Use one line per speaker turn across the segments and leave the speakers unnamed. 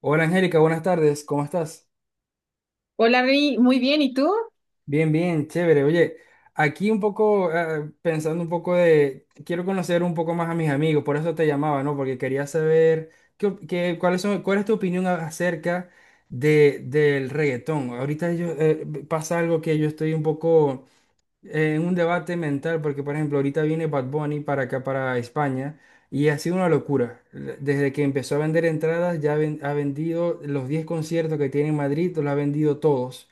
Hola Angélica, buenas tardes, ¿cómo estás?
Hola, Reni, muy bien. ¿Y tú?
Bien, bien, chévere. Oye, aquí un poco pensando un poco quiero conocer un poco más a mis amigos, por eso te llamaba, ¿no? Porque quería saber cuáles son, cuál es tu opinión acerca del reggaetón. Ahorita yo, pasa algo que yo estoy un poco en un debate mental, porque por ejemplo, ahorita viene Bad Bunny para acá, para España, y ha sido una locura. Desde que empezó a vender entradas, ha vendido los 10 conciertos que tiene en Madrid, los ha vendido todos.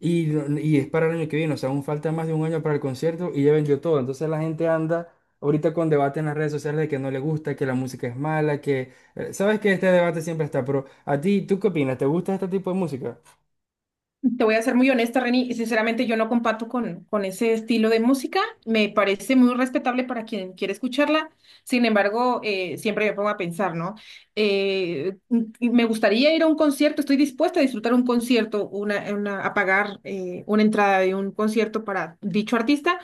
Y, no- y es para el año que viene, o sea, aún falta más de un año para el concierto y ya vendió todo. Entonces la gente anda ahorita con debate en las redes sociales de que no le gusta, que la música es mala, sabes que este debate siempre está, pero a ti, ¿tú qué opinas? ¿Te gusta este tipo de música?
Te voy a ser muy honesta, Reni. Sinceramente, yo no comparto con ese estilo de música. Me parece muy respetable para quien quiere escucharla. Sin embargo, siempre me pongo a pensar, ¿no? Me gustaría ir a un concierto. Estoy dispuesta a disfrutar un concierto, a pagar una entrada de un concierto para dicho artista.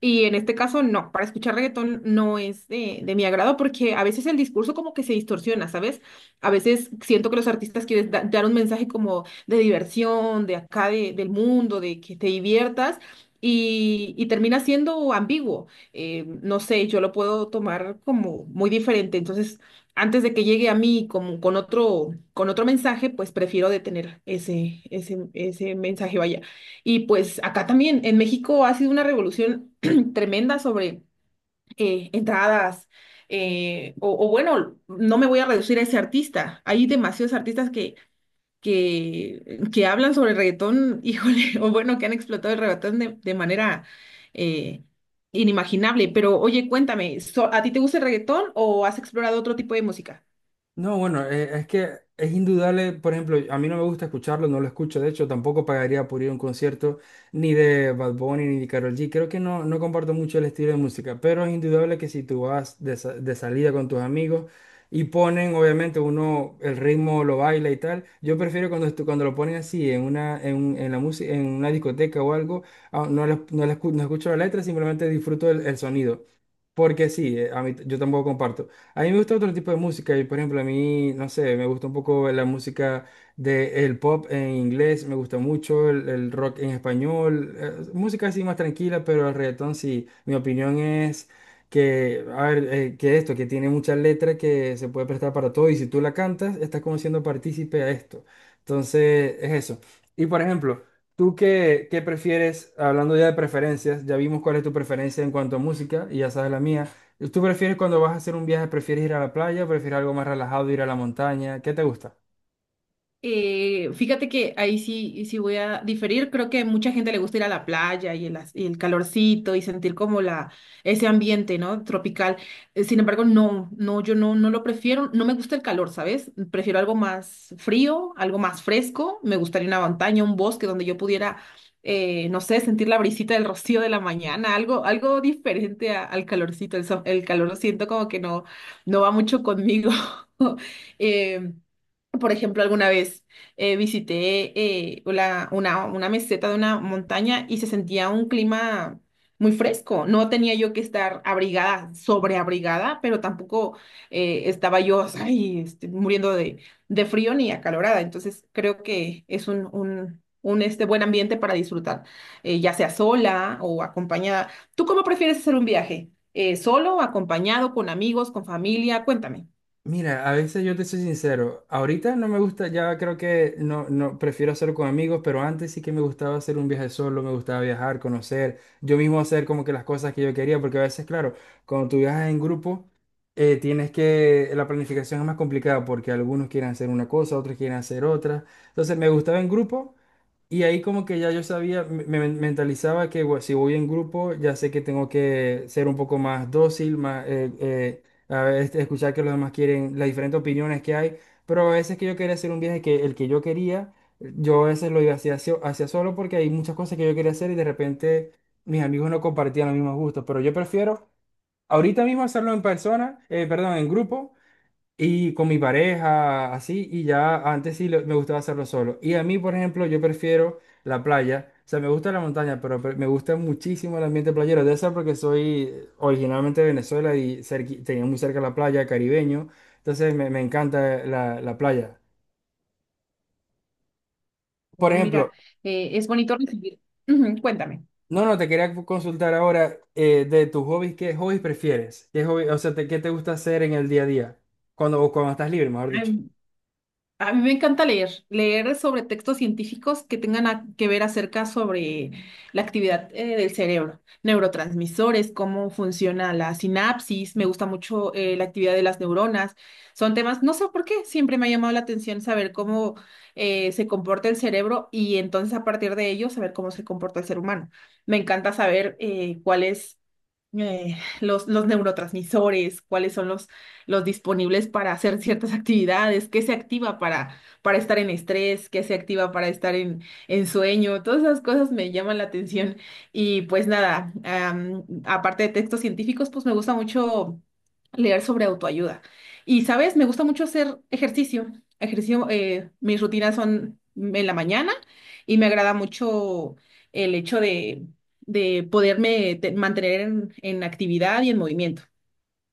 Y en este caso, no, para escuchar reggaetón no es de mi agrado porque a veces el discurso como que se distorsiona, ¿sabes? A veces siento que los artistas quieren dar un mensaje como de diversión, de acá del mundo, de que te diviertas y termina siendo ambiguo. No sé, yo lo puedo tomar como muy diferente. Entonces, antes de que llegue a mí como con otro mensaje, pues prefiero detener ese mensaje, vaya. Y pues acá también, en México ha sido una revolución tremenda sobre entradas, o bueno, no me voy a reducir a ese artista. Hay demasiados artistas que, que hablan sobre el reggaetón, híjole, o bueno, que han explotado el reggaetón de manera eh, inimaginable. Pero oye, cuéntame, ¿a ti te gusta el reggaetón o has explorado otro tipo de música?
No, bueno, es que es indudable, por ejemplo, a mí no me gusta escucharlo, no lo escucho, de hecho, tampoco pagaría por ir a un concierto ni de Bad Bunny ni de Karol G. Creo que no, no comparto mucho el estilo de música, pero es indudable que si tú vas de salida con tus amigos y ponen, obviamente, uno el ritmo lo baila y tal, yo prefiero cuando lo ponen así en una, en la música, en una discoteca o algo, no escucho la letra, simplemente disfruto el sonido. Porque sí, a mí, yo tampoco comparto. A mí me gusta otro tipo de música y por ejemplo a mí, no sé, me gusta un poco la música del pop en inglés, me gusta mucho el rock en español, música así más tranquila, pero el reggaetón sí, mi opinión es que, a ver, que esto, que tiene muchas letras que se puede prestar para todo y si tú la cantas, estás como siendo partícipe a esto. Entonces, es eso. Y por ejemplo, ¿tú qué prefieres? Hablando ya de preferencias, ya vimos cuál es tu preferencia en cuanto a música y ya sabes la mía. ¿Tú prefieres cuando vas a hacer un viaje, prefieres ir a la playa o prefieres algo más relajado, ir a la montaña? ¿Qué te gusta?
Fíjate que ahí sí, sí voy a diferir. Creo que mucha gente le gusta ir a la playa y y el calorcito y sentir como la, ese ambiente, ¿no? Tropical. Sin embargo, no, no, yo no, no lo prefiero. No me gusta el calor, ¿sabes? Prefiero algo más frío, algo más fresco. Me gustaría una montaña, un bosque donde yo pudiera, no sé, sentir la brisita del rocío de la mañana, algo, algo diferente al calorcito. El calor lo siento como que no, no va mucho conmigo. Em, por ejemplo, alguna vez visité una meseta de una montaña y se sentía un clima muy fresco. No tenía yo que estar abrigada, sobreabrigada, pero tampoco estaba yo ay, este, muriendo de frío ni acalorada. Entonces, creo que es este, buen ambiente para disfrutar, ya sea sola o acompañada. ¿Tú cómo prefieres hacer un viaje? ¿Solo, acompañado, con amigos, con familia? Cuéntame.
Mira, a veces yo te soy sincero, ahorita no me gusta, ya creo que no, no, prefiero hacerlo con amigos, pero antes sí que me gustaba hacer un viaje solo, me gustaba viajar, conocer, yo mismo hacer como que las cosas que yo quería, porque a veces, claro, cuando tú viajas en grupo, tienes que, la planificación es más complicada porque algunos quieren hacer una cosa, otros quieren hacer otra, entonces me gustaba en grupo. Y ahí como que ya yo sabía, me mentalizaba que bueno, si voy en grupo, ya sé que tengo que ser un poco más dócil, más, a ver, este, escuchar que los demás quieren, las diferentes opiniones que hay. Pero a veces que yo quería hacer un viaje que el que yo quería, yo a veces lo iba hacia solo porque hay muchas cosas que yo quería hacer y de repente mis amigos no compartían los mismos gustos. Pero yo prefiero ahorita mismo hacerlo en persona, perdón, en grupo y con mi pareja, así, y ya antes me gustaba hacerlo solo. Y a mí, por ejemplo, yo prefiero la playa. O sea, me gusta la montaña, pero me gusta muchísimo el ambiente playero. Debe ser porque soy originalmente de Venezuela y tenía muy cerca la playa, caribeño. Entonces me encanta la playa. Por
Oh, mira,
ejemplo,
es bonito recibir. Ujú, cuéntame.
no, no, te quería consultar ahora de tus hobbies, ¿qué hobbies prefieres? ¿Qué hobby, o sea, qué te gusta hacer en el día a día? Cuando, o cuando estás libre, mejor dicho.
Ay, a mí me encanta leer, leer sobre textos científicos que tengan que ver acerca sobre la actividad del cerebro, neurotransmisores, cómo funciona la sinapsis, me gusta mucho la actividad de las neuronas. Son temas, no sé por qué, siempre me ha llamado la atención saber cómo se comporta el cerebro y entonces a partir de ello saber cómo se comporta el ser humano. Me encanta saber cuáles los neurotransmisores, cuáles son los disponibles para hacer ciertas actividades, qué se activa para estar en estrés, qué se activa para estar en sueño, todas esas cosas me llaman la atención. Y pues nada, aparte de textos científicos, pues me gusta mucho leer sobre autoayuda. Y sabes, me gusta mucho hacer ejercicio. Ejercicio, mis rutinas son en la mañana y me agrada mucho el hecho de poderme mantener en actividad y en movimiento.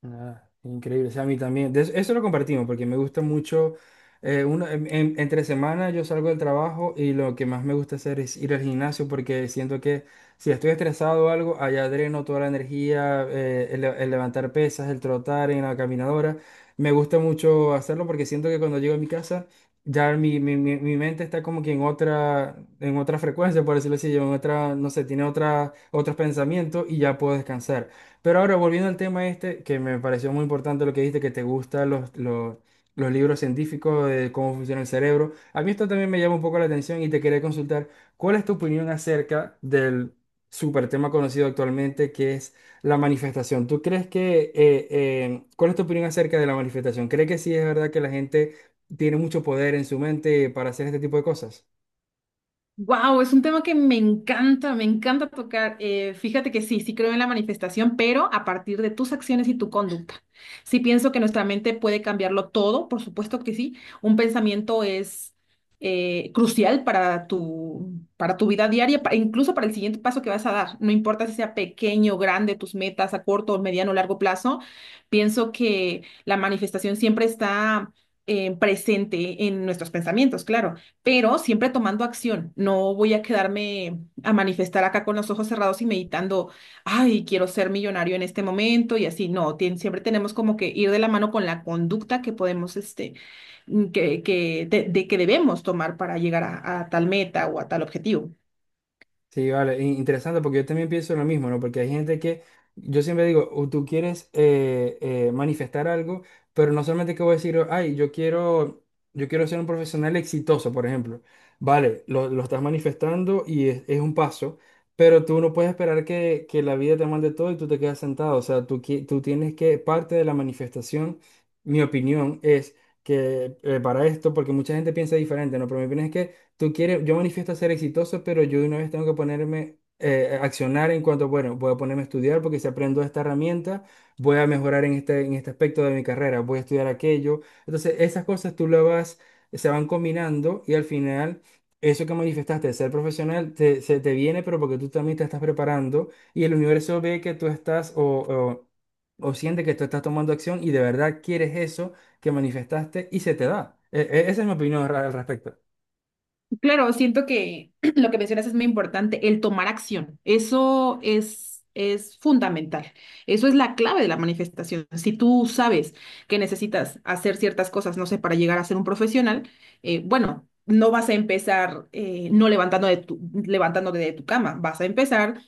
Ah, increíble, o sea, a mí también. De eso, eso lo compartimos porque me gusta mucho. Uno, entre semana yo salgo del trabajo y lo que más me gusta hacer es ir al gimnasio porque siento que si estoy estresado o algo, allá dreno toda la energía, el levantar pesas, el trotar en la caminadora. Me gusta mucho hacerlo porque siento que cuando llego a mi casa ya mi mente está como que en otra frecuencia, por decirlo así, yo en otra, no sé, tiene otra, otros pensamientos y ya puedo descansar. Pero ahora, volviendo al tema este, que me pareció muy importante lo que dijiste, que te gustan los libros científicos de cómo funciona el cerebro. A mí esto también me llama un poco la atención y te quería consultar, ¿cuál es tu opinión acerca del super tema conocido actualmente que es la manifestación? ¿Tú crees que, cuál es tu opinión acerca de la manifestación? ¿Crees que sí es verdad que la gente tiene mucho poder en su mente para hacer este tipo de cosas?
Wow, es un tema que me encanta tocar. Fíjate que sí, sí creo en la manifestación, pero a partir de tus acciones y tu conducta. Sí pienso que nuestra mente puede cambiarlo todo, por supuesto que sí. Un pensamiento es crucial para tu vida diaria, incluso para el siguiente paso que vas a dar. No importa si sea pequeño o grande, tus metas a corto, mediano o largo plazo. Pienso que la manifestación siempre está presente en nuestros pensamientos, claro, pero siempre tomando acción. No voy a quedarme a manifestar acá con los ojos cerrados y meditando, ay, quiero ser millonario en este momento y así. No, siempre tenemos como que ir de la mano con la conducta que podemos, este, de que debemos tomar para llegar a tal meta o a tal objetivo.
Sí, vale, interesante porque yo también pienso lo mismo, ¿no? Porque hay gente que, yo siempre digo, o tú quieres manifestar algo, pero no solamente que voy a decir, ay, yo quiero ser un profesional exitoso, por ejemplo. Vale, lo estás manifestando y es un paso, pero tú no puedes esperar que la vida te mande todo y tú te quedas sentado. O sea, tú, tú tienes que, parte de la manifestación, mi opinión es que para esto, porque mucha gente piensa diferente, ¿no? Pero mi opinión es que tú quieres, yo manifiesto ser exitoso, pero yo de una vez tengo que ponerme, accionar en cuanto, bueno, voy a ponerme a estudiar porque si aprendo esta herramienta, voy a mejorar en este aspecto de mi carrera, voy a estudiar aquello. Entonces, esas cosas tú las vas, se van combinando y al final... Eso que manifestaste de ser profesional te, se te viene, pero porque tú también te estás preparando y el universo ve que tú estás o siente que tú estás tomando acción y de verdad quieres eso que manifestaste y se te da. Esa es mi opinión al respecto.
Claro, siento que lo que mencionas es muy importante, el tomar acción. Eso es fundamental. Eso es la clave de la manifestación. Si tú sabes que necesitas hacer ciertas cosas, no sé, para llegar a ser un profesional, bueno, no vas a empezar no levantando de tu, levantándote de tu cama, vas a empezar,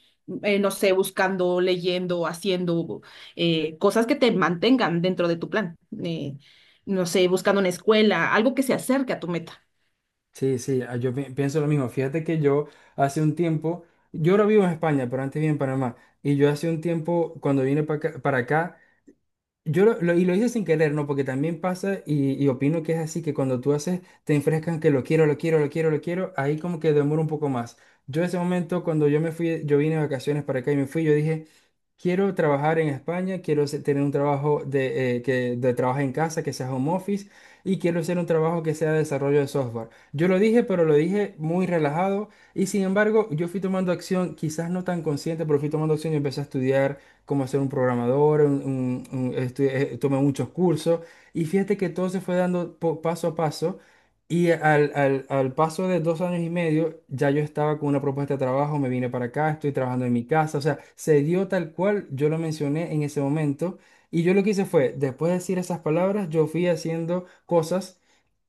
no sé, buscando, leyendo, haciendo cosas que te mantengan dentro de tu plan. Eh, no sé, buscando una escuela, algo que se acerque a tu meta.
Sí, sí, ah, yo pienso lo mismo. Fíjate que yo hace un tiempo, yo ahora vivo en España, pero antes vivía en Panamá. Y yo hace un tiempo, cuando vine para acá, y lo hice sin querer, ¿no? Porque también pasa y opino que es así, que cuando tú haces, te enfrescan que lo quiero, lo quiero, lo quiero, lo quiero, ahí como que demora un poco más. Yo ese momento, cuando yo me fui, yo vine de vacaciones para acá y me fui, yo dije, quiero trabajar en España, tener un trabajo de, de trabajo en casa, que sea home office, y quiero hacer un trabajo que sea de desarrollo de software. Yo lo dije, pero lo dije muy relajado, y sin embargo, yo fui tomando acción, quizás no tan consciente, pero fui tomando acción y empecé a estudiar cómo ser un programador, tomé muchos cursos y fíjate que todo se fue dando paso a paso y al paso de 2 años y medio ya yo estaba con una propuesta de trabajo, me vine para acá, estoy trabajando en mi casa, o sea, se dio tal cual yo lo mencioné en ese momento y yo lo que hice fue, después de decir esas palabras, yo fui haciendo cosas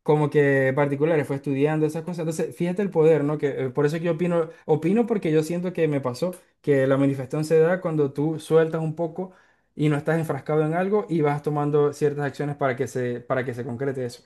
como que particulares, fue estudiando esas cosas. Entonces, fíjate el poder, ¿no? Que por eso que yo opino, opino porque yo siento que me pasó que la manifestación se da cuando tú sueltas un poco y no estás enfrascado en algo y vas tomando ciertas acciones para que se concrete eso.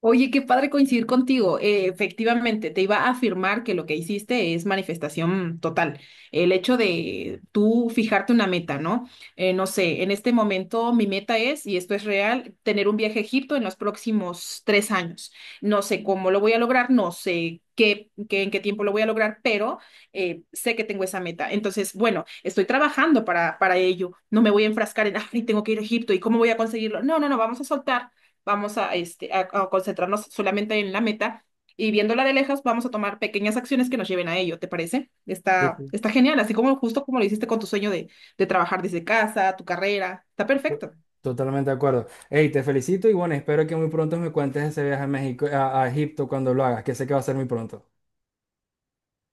Oye, qué padre coincidir contigo. Efectivamente, te iba a afirmar que lo que hiciste es manifestación total. El hecho de tú fijarte una meta, ¿no? No sé, en este momento mi meta es, y esto es real, tener un viaje a Egipto en los próximos 3 años. No sé cómo lo voy a lograr, no sé qué, en qué tiempo lo voy a lograr, pero sé que tengo esa meta. Entonces, bueno, estoy trabajando para ello. No me voy a enfrascar en, ay, tengo que ir a Egipto y cómo voy a conseguirlo. No, no, no, vamos a soltar, vamos a, este, a concentrarnos solamente en la meta y viéndola de lejos vamos a tomar pequeñas acciones que nos lleven a ello, ¿te parece?
Sí,
Está,
sí.
está genial, así como justo como lo hiciste con tu sueño de trabajar desde casa, tu carrera, está
To-
perfecto.
Totalmente de acuerdo. Hey, te felicito y bueno, espero que muy pronto me cuentes ese viaje a México, a Egipto cuando lo hagas, que sé que va a ser muy pronto.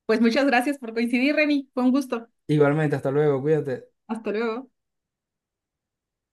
Pues muchas gracias por coincidir, Reni, fue un gusto.
Igualmente, hasta luego, cuídate.
Hasta luego.